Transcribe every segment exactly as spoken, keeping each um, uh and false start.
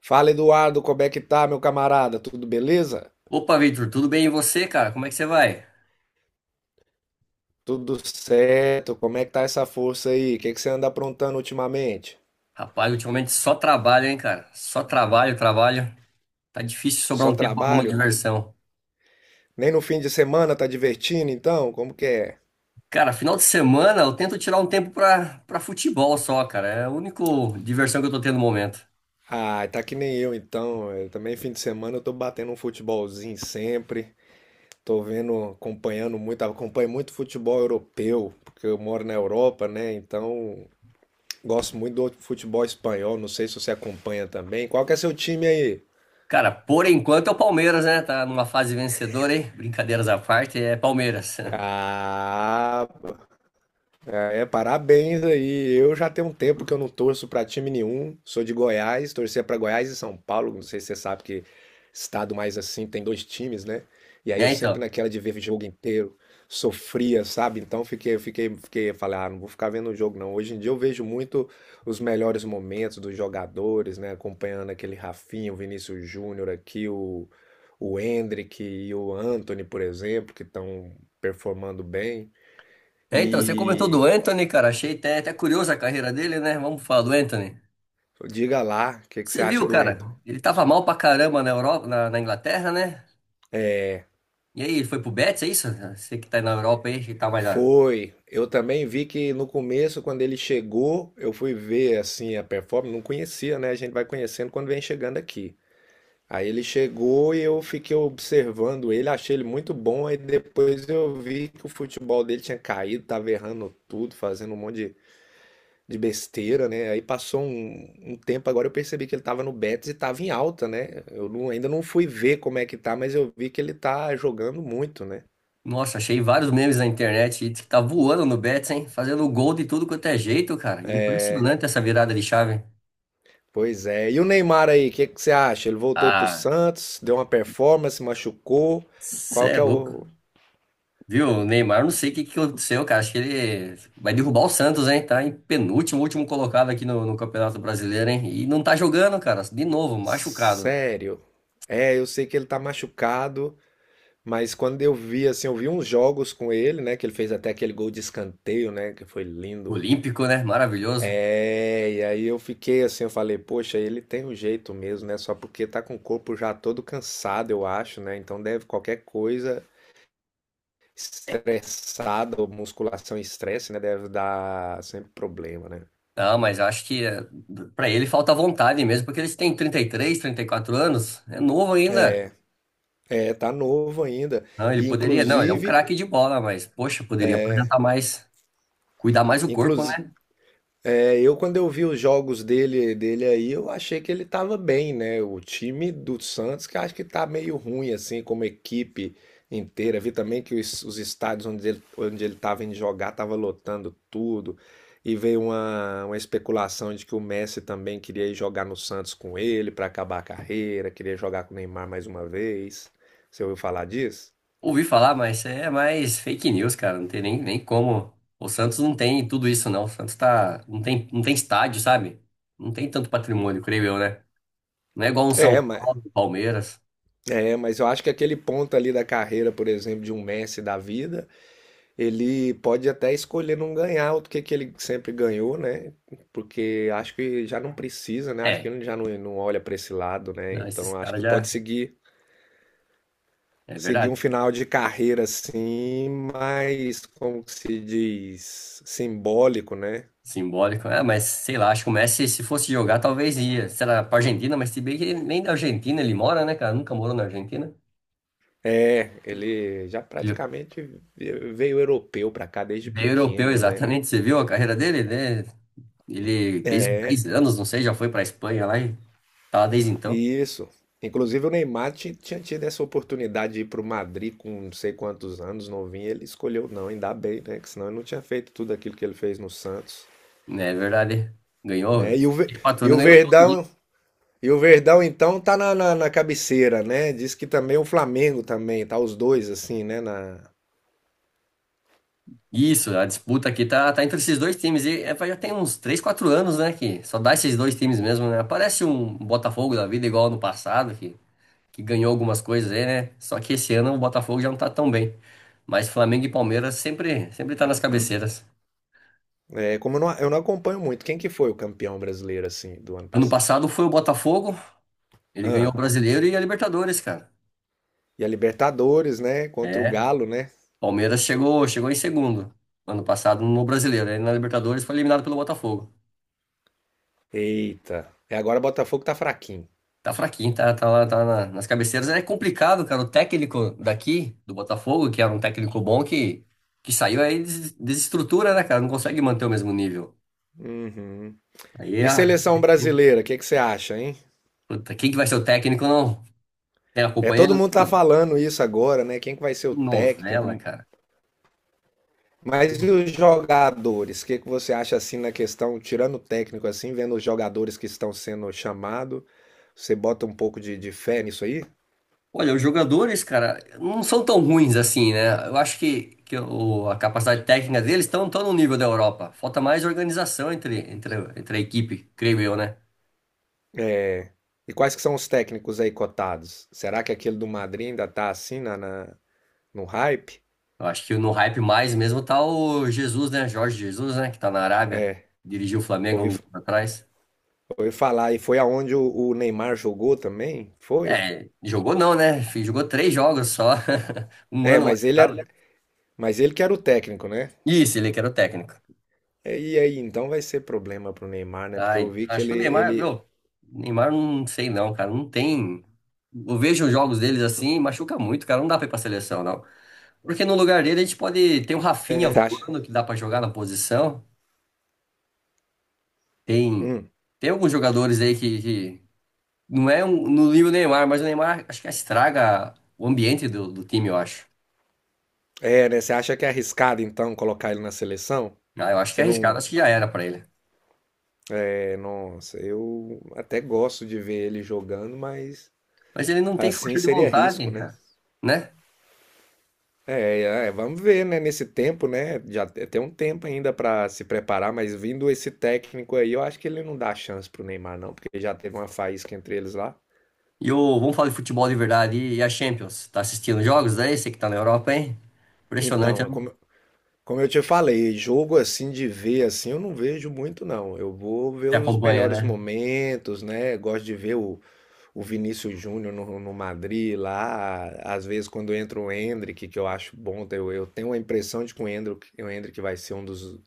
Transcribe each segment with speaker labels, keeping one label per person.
Speaker 1: Fala, Eduardo, como é que tá, meu camarada? Tudo beleza?
Speaker 2: Opa, Victor, tudo bem e você, cara? Como é que você vai?
Speaker 1: Tudo certo? Como é que tá essa força aí? O que que você anda aprontando ultimamente?
Speaker 2: Rapaz, ultimamente só trabalho, hein, cara? Só trabalho, trabalho. Tá difícil sobrar
Speaker 1: Só
Speaker 2: um tempo pra alguma
Speaker 1: trabalho?
Speaker 2: diversão.
Speaker 1: Nem no fim de semana tá divertindo, então? Como que é?
Speaker 2: Cara, final de semana eu tento tirar um tempo pra, pra futebol só, cara. É a única diversão que eu tô tendo no momento.
Speaker 1: Ah, tá que nem eu, então. Eu também fim de semana eu tô batendo um futebolzinho sempre. Tô vendo, acompanhando muito, acompanho muito futebol europeu, porque eu moro na Europa, né? Então, gosto muito do futebol espanhol. Não sei se você acompanha também. Qual que é seu time aí?
Speaker 2: Cara, por enquanto é o Palmeiras, né? Tá numa fase vencedora, hein? Brincadeiras à parte, é Palmeiras.
Speaker 1: Ah, é, parabéns aí. Eu já tenho um tempo que eu não torço pra time nenhum. Sou de Goiás, torcia pra Goiás e São Paulo. Não sei se você sabe que estado mais assim tem dois times, né? E aí eu
Speaker 2: É,
Speaker 1: sempre
Speaker 2: então.
Speaker 1: naquela de ver jogo inteiro, sofria, sabe? Então fiquei, fiquei, fiquei, falei, ah, não vou ficar vendo o jogo não. Hoje em dia eu vejo muito os melhores momentos dos jogadores, né? Acompanhando aquele Rafinha, o Vinícius Júnior aqui, o o Endrick e o Anthony, por exemplo, que estão performando bem.
Speaker 2: É, então, você comentou
Speaker 1: E
Speaker 2: do Anthony, cara. Achei até, até curiosa a carreira dele, né? Vamos falar do Anthony.
Speaker 1: diga lá o que que você
Speaker 2: Você
Speaker 1: acha
Speaker 2: viu,
Speaker 1: do
Speaker 2: cara?
Speaker 1: Anthony.
Speaker 2: Ele tava mal pra caramba na Europa, na, na Inglaterra, né?
Speaker 1: É,
Speaker 2: E aí, ele foi pro Betis, é isso? Você que tá na Europa aí, que tá mais. a-
Speaker 1: foi. Eu também vi que no começo, quando ele chegou, eu fui ver assim a performance, não conhecia, né? A gente vai conhecendo quando vem chegando aqui. Aí ele chegou e eu fiquei observando ele, achei ele muito bom. Aí depois eu vi que o futebol dele tinha caído, tava errando tudo, fazendo um monte de, de besteira, né? Aí passou um, um tempo, agora eu percebi que ele tava no Betis e tava em alta, né? Eu não- Ainda não fui ver como é que tá, mas eu vi que ele tá jogando muito, né?
Speaker 2: Nossa, achei vários memes na internet e diz que tá voando no Betis, hein? Fazendo gol de tudo quanto é jeito, cara.
Speaker 1: É,
Speaker 2: Impressionante essa virada de chave.
Speaker 1: pois é. E o Neymar aí, o que que você acha? Ele voltou aí pro
Speaker 2: Ah,
Speaker 1: Santos, deu uma performance, machucou. Qual
Speaker 2: cê é
Speaker 1: que é
Speaker 2: louco.
Speaker 1: o.
Speaker 2: Viu, o Neymar, não sei o que que aconteceu, cara. Acho que ele vai derrubar o Santos, hein? Tá em penúltimo, último colocado aqui no, no Campeonato Brasileiro, hein? E não tá jogando, cara. De novo, machucado.
Speaker 1: Sério? É, eu sei que ele tá machucado, mas quando eu vi, assim, eu vi uns jogos com ele, né? Que ele fez até aquele gol de escanteio, né? Que foi lindo.
Speaker 2: Olímpico, né? Maravilhoso.
Speaker 1: É, e aí eu fiquei assim, eu falei, poxa, ele tem um jeito mesmo, né? Só porque tá com o corpo já todo cansado, eu acho, né? Então deve qualquer coisa estressada, ou musculação e estresse, né? Deve dar sempre problema, né?
Speaker 2: Não, mas eu acho que para ele falta vontade mesmo, porque ele tem trinta trinta e três, trinta e quatro anos, é novo ainda.
Speaker 1: É, tá novo ainda.
Speaker 2: Não, ele
Speaker 1: E
Speaker 2: poderia, não, ele é um
Speaker 1: inclusive,
Speaker 2: craque de bola, mas poxa, poderia apresentar mais, cuidar mais do corpo,
Speaker 1: inclusive
Speaker 2: né?
Speaker 1: é, eu quando eu vi os jogos dele, dele aí, eu achei que ele tava bem, né? O time do Santos que acho que tá meio ruim assim, como equipe inteira. Vi também que os, os estádios onde ele, onde ele tava indo jogar tava lotando tudo. E veio uma, uma especulação de que o Messi também queria ir jogar no Santos com ele pra acabar a carreira, queria jogar com o Neymar mais uma vez. Você ouviu falar disso?
Speaker 2: Ouvi falar, mas é mais fake news, cara, não tem nem, nem como. O Santos não tem tudo isso, não. O Santos tá, não tem, não tem estádio, sabe? Não tem tanto patrimônio, creio eu, né? Não é igual um São
Speaker 1: É, mas,
Speaker 2: Paulo, Palmeiras.
Speaker 1: é, mas eu acho que aquele ponto ali da carreira, por exemplo, de um Messi da vida, ele pode até escolher não ganhar o que que ele sempre ganhou, né? Porque acho que já não precisa, né? Acho que
Speaker 2: É,
Speaker 1: ele já não, não olha para esse lado, né?
Speaker 2: não, esses
Speaker 1: Então acho
Speaker 2: caras
Speaker 1: que pode
Speaker 2: já,
Speaker 1: seguir
Speaker 2: é
Speaker 1: seguir
Speaker 2: verdade.
Speaker 1: um final de carreira assim, mais como que se diz, simbólico, né?
Speaker 2: Simbólico. Ah, mas sei lá, acho que o Messi, se fosse jogar, talvez ia. Será pra Argentina, mas se bem que ele nem da Argentina ele mora, né, cara? Nunca morou na Argentina.
Speaker 1: É, ele já
Speaker 2: Ele
Speaker 1: praticamente veio europeu para cá desde
Speaker 2: ele é europeu,
Speaker 1: pequeno, né?
Speaker 2: exatamente. Você viu a carreira dele, né? Ele, desde os
Speaker 1: É.
Speaker 2: dez anos, não sei, já foi pra Espanha lá e tá lá desde então.
Speaker 1: Isso. Inclusive o Neymar ti- tinha tido essa oportunidade de ir pro Madrid com não sei quantos anos, novinho, ele escolheu não, ainda bem, né? Que senão ele não tinha feito tudo aquilo que ele fez no Santos,
Speaker 2: É verdade. Ganhou,
Speaker 1: né? E o, Ve-
Speaker 2: quatro
Speaker 1: e
Speaker 2: anos
Speaker 1: o
Speaker 2: ganhou tudo ali.
Speaker 1: Verdão, e o Verdão então tá na, na, na cabeceira, né? Diz que também o Flamengo também, tá os dois assim, né? Na...
Speaker 2: Isso, a disputa aqui tá, tá entre esses dois times. E é, já tem uns três, quatro anos, né? Que só dá esses dois times mesmo, né? Parece um Botafogo da vida igual no passado, que que ganhou algumas coisas aí, né? Só que esse ano o Botafogo já não tá tão bem. Mas Flamengo e Palmeiras sempre, sempre tá
Speaker 1: É,
Speaker 2: nas cabeceiras.
Speaker 1: é, como eu não, eu não acompanho muito, quem que foi o campeão brasileiro assim do ano
Speaker 2: Ano
Speaker 1: passado?
Speaker 2: passado foi o Botafogo, ele ganhou o
Speaker 1: Ah,
Speaker 2: Brasileiro e a Libertadores, cara.
Speaker 1: e a Libertadores, né? Contra o
Speaker 2: É,
Speaker 1: Galo, né?
Speaker 2: Palmeiras chegou, chegou em segundo ano passado no Brasileiro, aí na Libertadores foi eliminado pelo Botafogo.
Speaker 1: Eita. E agora o Botafogo tá fraquinho.
Speaker 2: Tá fraquinho, tá, tá lá, tá na- nas cabeceiras. É complicado, cara. O técnico daqui, do Botafogo, que era um técnico bom, que, que saiu aí, des- desestrutura, né, cara? Não consegue manter o mesmo nível.
Speaker 1: Uhum.
Speaker 2: Aí
Speaker 1: E
Speaker 2: é,
Speaker 1: seleção brasileira, o que que você acha, hein?
Speaker 2: Puta, quem que vai ser o técnico, não? Tem
Speaker 1: É, todo
Speaker 2: acompanhando?
Speaker 1: mundo tá
Speaker 2: Não.
Speaker 1: falando isso agora, né? Quem que vai ser o
Speaker 2: Que
Speaker 1: técnico?
Speaker 2: novela, cara.
Speaker 1: Mas e os jogadores? O que que você acha assim na questão, tirando o técnico assim, vendo os jogadores que estão sendo chamados, você bota um pouco de, de fé nisso aí?
Speaker 2: Olha, os jogadores, cara, não são tão ruins assim, né? Eu acho que, que o- a capacidade técnica deles estão tão tão no nível da Europa. Falta mais organização entre, entre, entre a equipe, creio eu, né?
Speaker 1: E quais que são os técnicos aí cotados? Será que aquele do Madrid ainda tá assim na, na- no hype?
Speaker 2: Eu acho que no hype mais mesmo tá o Jesus, né? Jorge Jesus, né? Que tá na Arábia.
Speaker 1: É,
Speaker 2: Dirigiu o Flamengo há
Speaker 1: ouvi,
Speaker 2: uns anos atrás.
Speaker 1: ouvi falar. E foi aonde o, o Neymar jogou também? Foi?
Speaker 2: É, jogou não, né? Jogou três jogos só. Um
Speaker 1: É,
Speaker 2: ano mais
Speaker 1: mas ele era,
Speaker 2: tarde.
Speaker 1: mas ele que era o técnico, né?
Speaker 2: Isso, ele é que era o técnico.
Speaker 1: É, e aí, então vai ser problema pro Neymar, né? Porque eu
Speaker 2: Ai,
Speaker 1: vi que
Speaker 2: acho que
Speaker 1: ele,
Speaker 2: o Neymar,
Speaker 1: ele
Speaker 2: meu, o Neymar não sei não, cara, não tem. Eu vejo os jogos deles assim, machuca muito, cara, não dá pra ir pra seleção, não. Porque no lugar dele a gente pode ter um Rafinha
Speaker 1: você acha.
Speaker 2: voando que dá pra jogar na posição. Tem
Speaker 1: Hum.
Speaker 2: tem alguns jogadores aí que, que não é um, no nível Neymar, mas o Neymar acho que estraga o ambiente do, do time, eu acho.
Speaker 1: É, né? Você acha que é arriscado, então, colocar ele na seleção?
Speaker 2: Ah, eu acho que
Speaker 1: Você
Speaker 2: é arriscado,
Speaker 1: não.
Speaker 2: acho que já era pra ele.
Speaker 1: É, nossa, eu até gosto de ver ele jogando, mas
Speaker 2: Mas ele não tem
Speaker 1: assim
Speaker 2: força de
Speaker 1: seria risco,
Speaker 2: vontade,
Speaker 1: né?
Speaker 2: cara, né?
Speaker 1: É, é, vamos ver, né? Nesse tempo, né? Já te- tem um tempo ainda pra se preparar, mas vindo esse técnico aí, eu acho que ele não dá chance pro Neymar, não, porque já teve uma faísca entre eles lá.
Speaker 2: E o, vamos falar de futebol de verdade e a Champions. Tá assistindo jogos aí? Você que tá na Europa, hein?
Speaker 1: Então,
Speaker 2: Impressionante,
Speaker 1: é
Speaker 2: né?
Speaker 1: como, Como eu te falei, jogo assim de ver assim, eu não vejo muito não. Eu vou ver
Speaker 2: Você
Speaker 1: os
Speaker 2: acompanha,
Speaker 1: melhores
Speaker 2: né?
Speaker 1: momentos, né? Gosto de ver o, o Vinícius Júnior no, no Madrid lá. Às vezes quando entra o Endrick, que eu acho bom, eu, eu tenho a impressão de que o Endrick, o Endrick vai ser um dos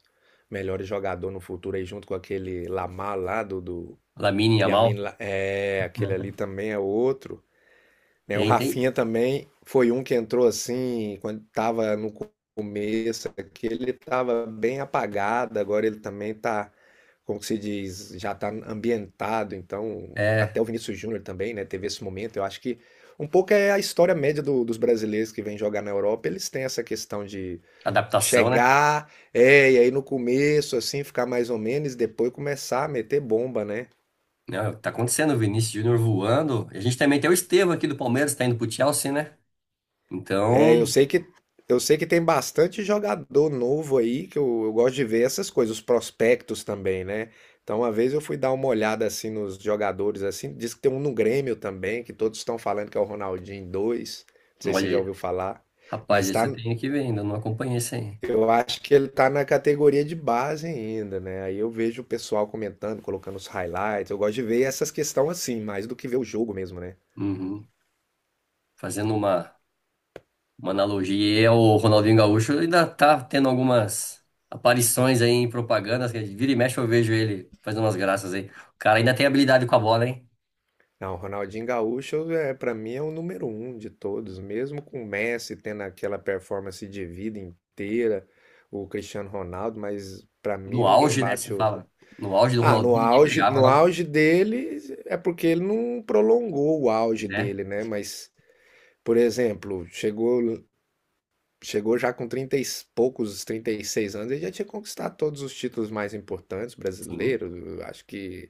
Speaker 1: melhores jogadores no futuro aí, junto com aquele Lamar lá do, do
Speaker 2: Lamine Yamal.
Speaker 1: Yamin, La- é, aquele
Speaker 2: Né?
Speaker 1: ali também é outro né? O
Speaker 2: Tem, tem.
Speaker 1: Rafinha também foi um que entrou assim, quando estava no co- começo é que ele estava bem apagado, agora ele também está, como que se diz, já está ambientado, então
Speaker 2: É,
Speaker 1: até o Vinícius Júnior também, né, teve esse momento. Eu acho que um pouco é a história média do- dos brasileiros que vêm jogar na Europa, eles têm essa questão de
Speaker 2: adaptação, né?
Speaker 1: chegar, é, e aí no começo assim ficar mais ou menos, e depois começar a meter bomba, né?
Speaker 2: Não, tá acontecendo, o Vinícius Júnior voando. A gente também tem o Estevão aqui do Palmeiras, tá indo pro Chelsea, né?
Speaker 1: É, eu
Speaker 2: Então,
Speaker 1: sei que eu sei que tem bastante jogador novo aí, que eu, eu gosto de ver essas coisas, os prospectos também, né? Então, uma vez eu fui dar uma olhada assim nos jogadores assim, diz que tem um no Grêmio também, que todos estão falando que é o Ronaldinho dois. Não sei se
Speaker 2: olha,
Speaker 1: você já
Speaker 2: aí.
Speaker 1: ouviu falar,
Speaker 2: Rapaz,
Speaker 1: mas
Speaker 2: esse
Speaker 1: tá,
Speaker 2: eu tenho que ver ainda, não acompanhei isso aí.
Speaker 1: eu acho que ele tá na categoria de base ainda, né? Aí eu vejo o pessoal comentando, colocando os highlights. Eu gosto de ver essas questões assim, mais do que ver o jogo mesmo, né?
Speaker 2: Uhum. Fazendo uma, uma analogia, e o Ronaldinho Gaúcho ainda tá tendo algumas aparições aí em propagandas, que vira e mexe eu vejo ele fazendo umas graças aí. O cara ainda tem habilidade com a bola, hein?
Speaker 1: Não, o Ronaldinho Gaúcho é para mim é o número um de todos, mesmo com o Messi tendo aquela performance de vida inteira, o Cristiano Ronaldo, mas para mim
Speaker 2: No
Speaker 1: ninguém
Speaker 2: auge, né? Você
Speaker 1: bate o.
Speaker 2: fala. No auge do
Speaker 1: Ah, no
Speaker 2: Ronaldinho, ninguém
Speaker 1: auge,
Speaker 2: pegava,
Speaker 1: no
Speaker 2: não.
Speaker 1: auge dele é porque ele não prolongou o auge
Speaker 2: Né?
Speaker 1: dele, né? Mas, por exemplo, chegou chegou já com trinta e poucos, trinta e seis anos, ele já tinha conquistado todos os títulos mais importantes
Speaker 2: Sim.
Speaker 1: brasileiros, acho que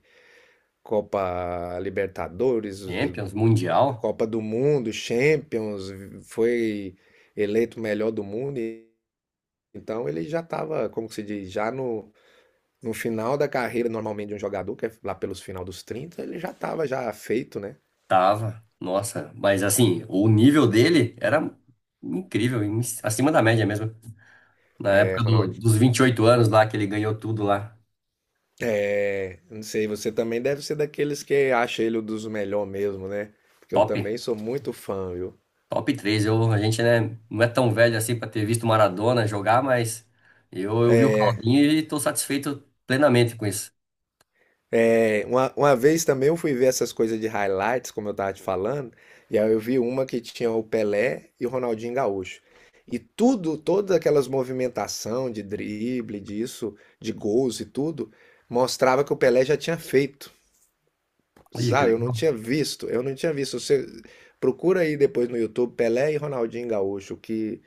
Speaker 1: Copa Libertadores,
Speaker 2: Champions, Mundial,
Speaker 1: Copa do Mundo, Champions, foi eleito o melhor do mundo. e- Então ele já estava, como que se diz, já no, no final da carreira normalmente de um jogador, que é lá pelos final dos trinta ele já estava já feito, né?
Speaker 2: tava. Nossa, mas assim, o nível dele era incrível, em- acima da média mesmo. Na
Speaker 1: É,
Speaker 2: época do-
Speaker 1: Ronaldo,
Speaker 2: dos vinte e oito anos lá, que ele ganhou tudo lá.
Speaker 1: é, não sei, você também deve ser daqueles que acha ele um dos melhores mesmo, né? Porque eu
Speaker 2: Top.
Speaker 1: também sou muito fã, viu?
Speaker 2: Top três. Eu, a gente, né, não é tão velho assim pra ter visto o Maradona jogar, mas eu, eu vi o Ronaldinho e tô satisfeito plenamente com isso.
Speaker 1: É, Uma, uma vez também eu fui ver essas coisas de highlights, como eu tava te falando, e aí eu vi uma que tinha o Pelé e o Ronaldinho Gaúcho. E tudo, todas aquelas movimentação de drible, disso, de gols e tudo, mostrava que o Pelé já tinha feito,
Speaker 2: Olha que
Speaker 1: sabe? Eu não
Speaker 2: legal.
Speaker 1: tinha visto, eu não tinha visto. Você procura aí depois no YouTube Pelé e Ronaldinho Gaúcho, que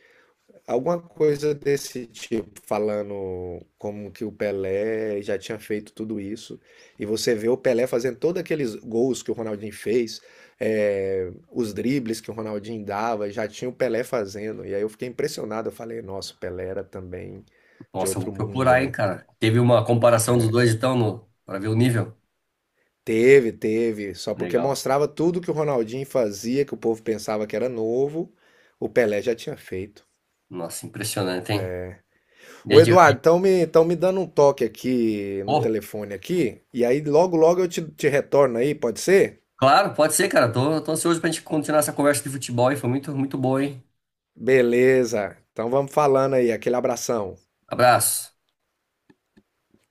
Speaker 1: alguma coisa desse tipo, falando como que o Pelé já tinha feito tudo isso, e você vê o Pelé fazendo todos aqueles gols que o Ronaldinho fez, eh, os dribles que o Ronaldinho dava, já tinha o Pelé fazendo, e aí eu fiquei impressionado, eu falei, nossa, o Pelé era também de
Speaker 2: Nossa, eu vou
Speaker 1: outro mundo,
Speaker 2: procurar, hein,
Speaker 1: né?
Speaker 2: cara. Teve uma comparação dos dois, então, no, pra ver o nível.
Speaker 1: Teve, teve, só porque
Speaker 2: Legal.
Speaker 1: mostrava tudo que o Ronaldinho fazia, que o povo pensava que era novo, o Pelé já tinha feito.
Speaker 2: Nossa, impressionante, hein? E
Speaker 1: Ô
Speaker 2: aí, de-
Speaker 1: Eduardo, estão me, tão me dando um toque aqui no
Speaker 2: Pô,
Speaker 1: telefone aqui, e aí logo logo eu te, te retorno aí, pode ser?
Speaker 2: claro, pode ser, cara. Tô, tô ansioso pra gente continuar essa conversa de futebol, e foi muito, muito boa, hein?
Speaker 1: Beleza, então vamos falando aí, aquele abração.
Speaker 2: Abraço.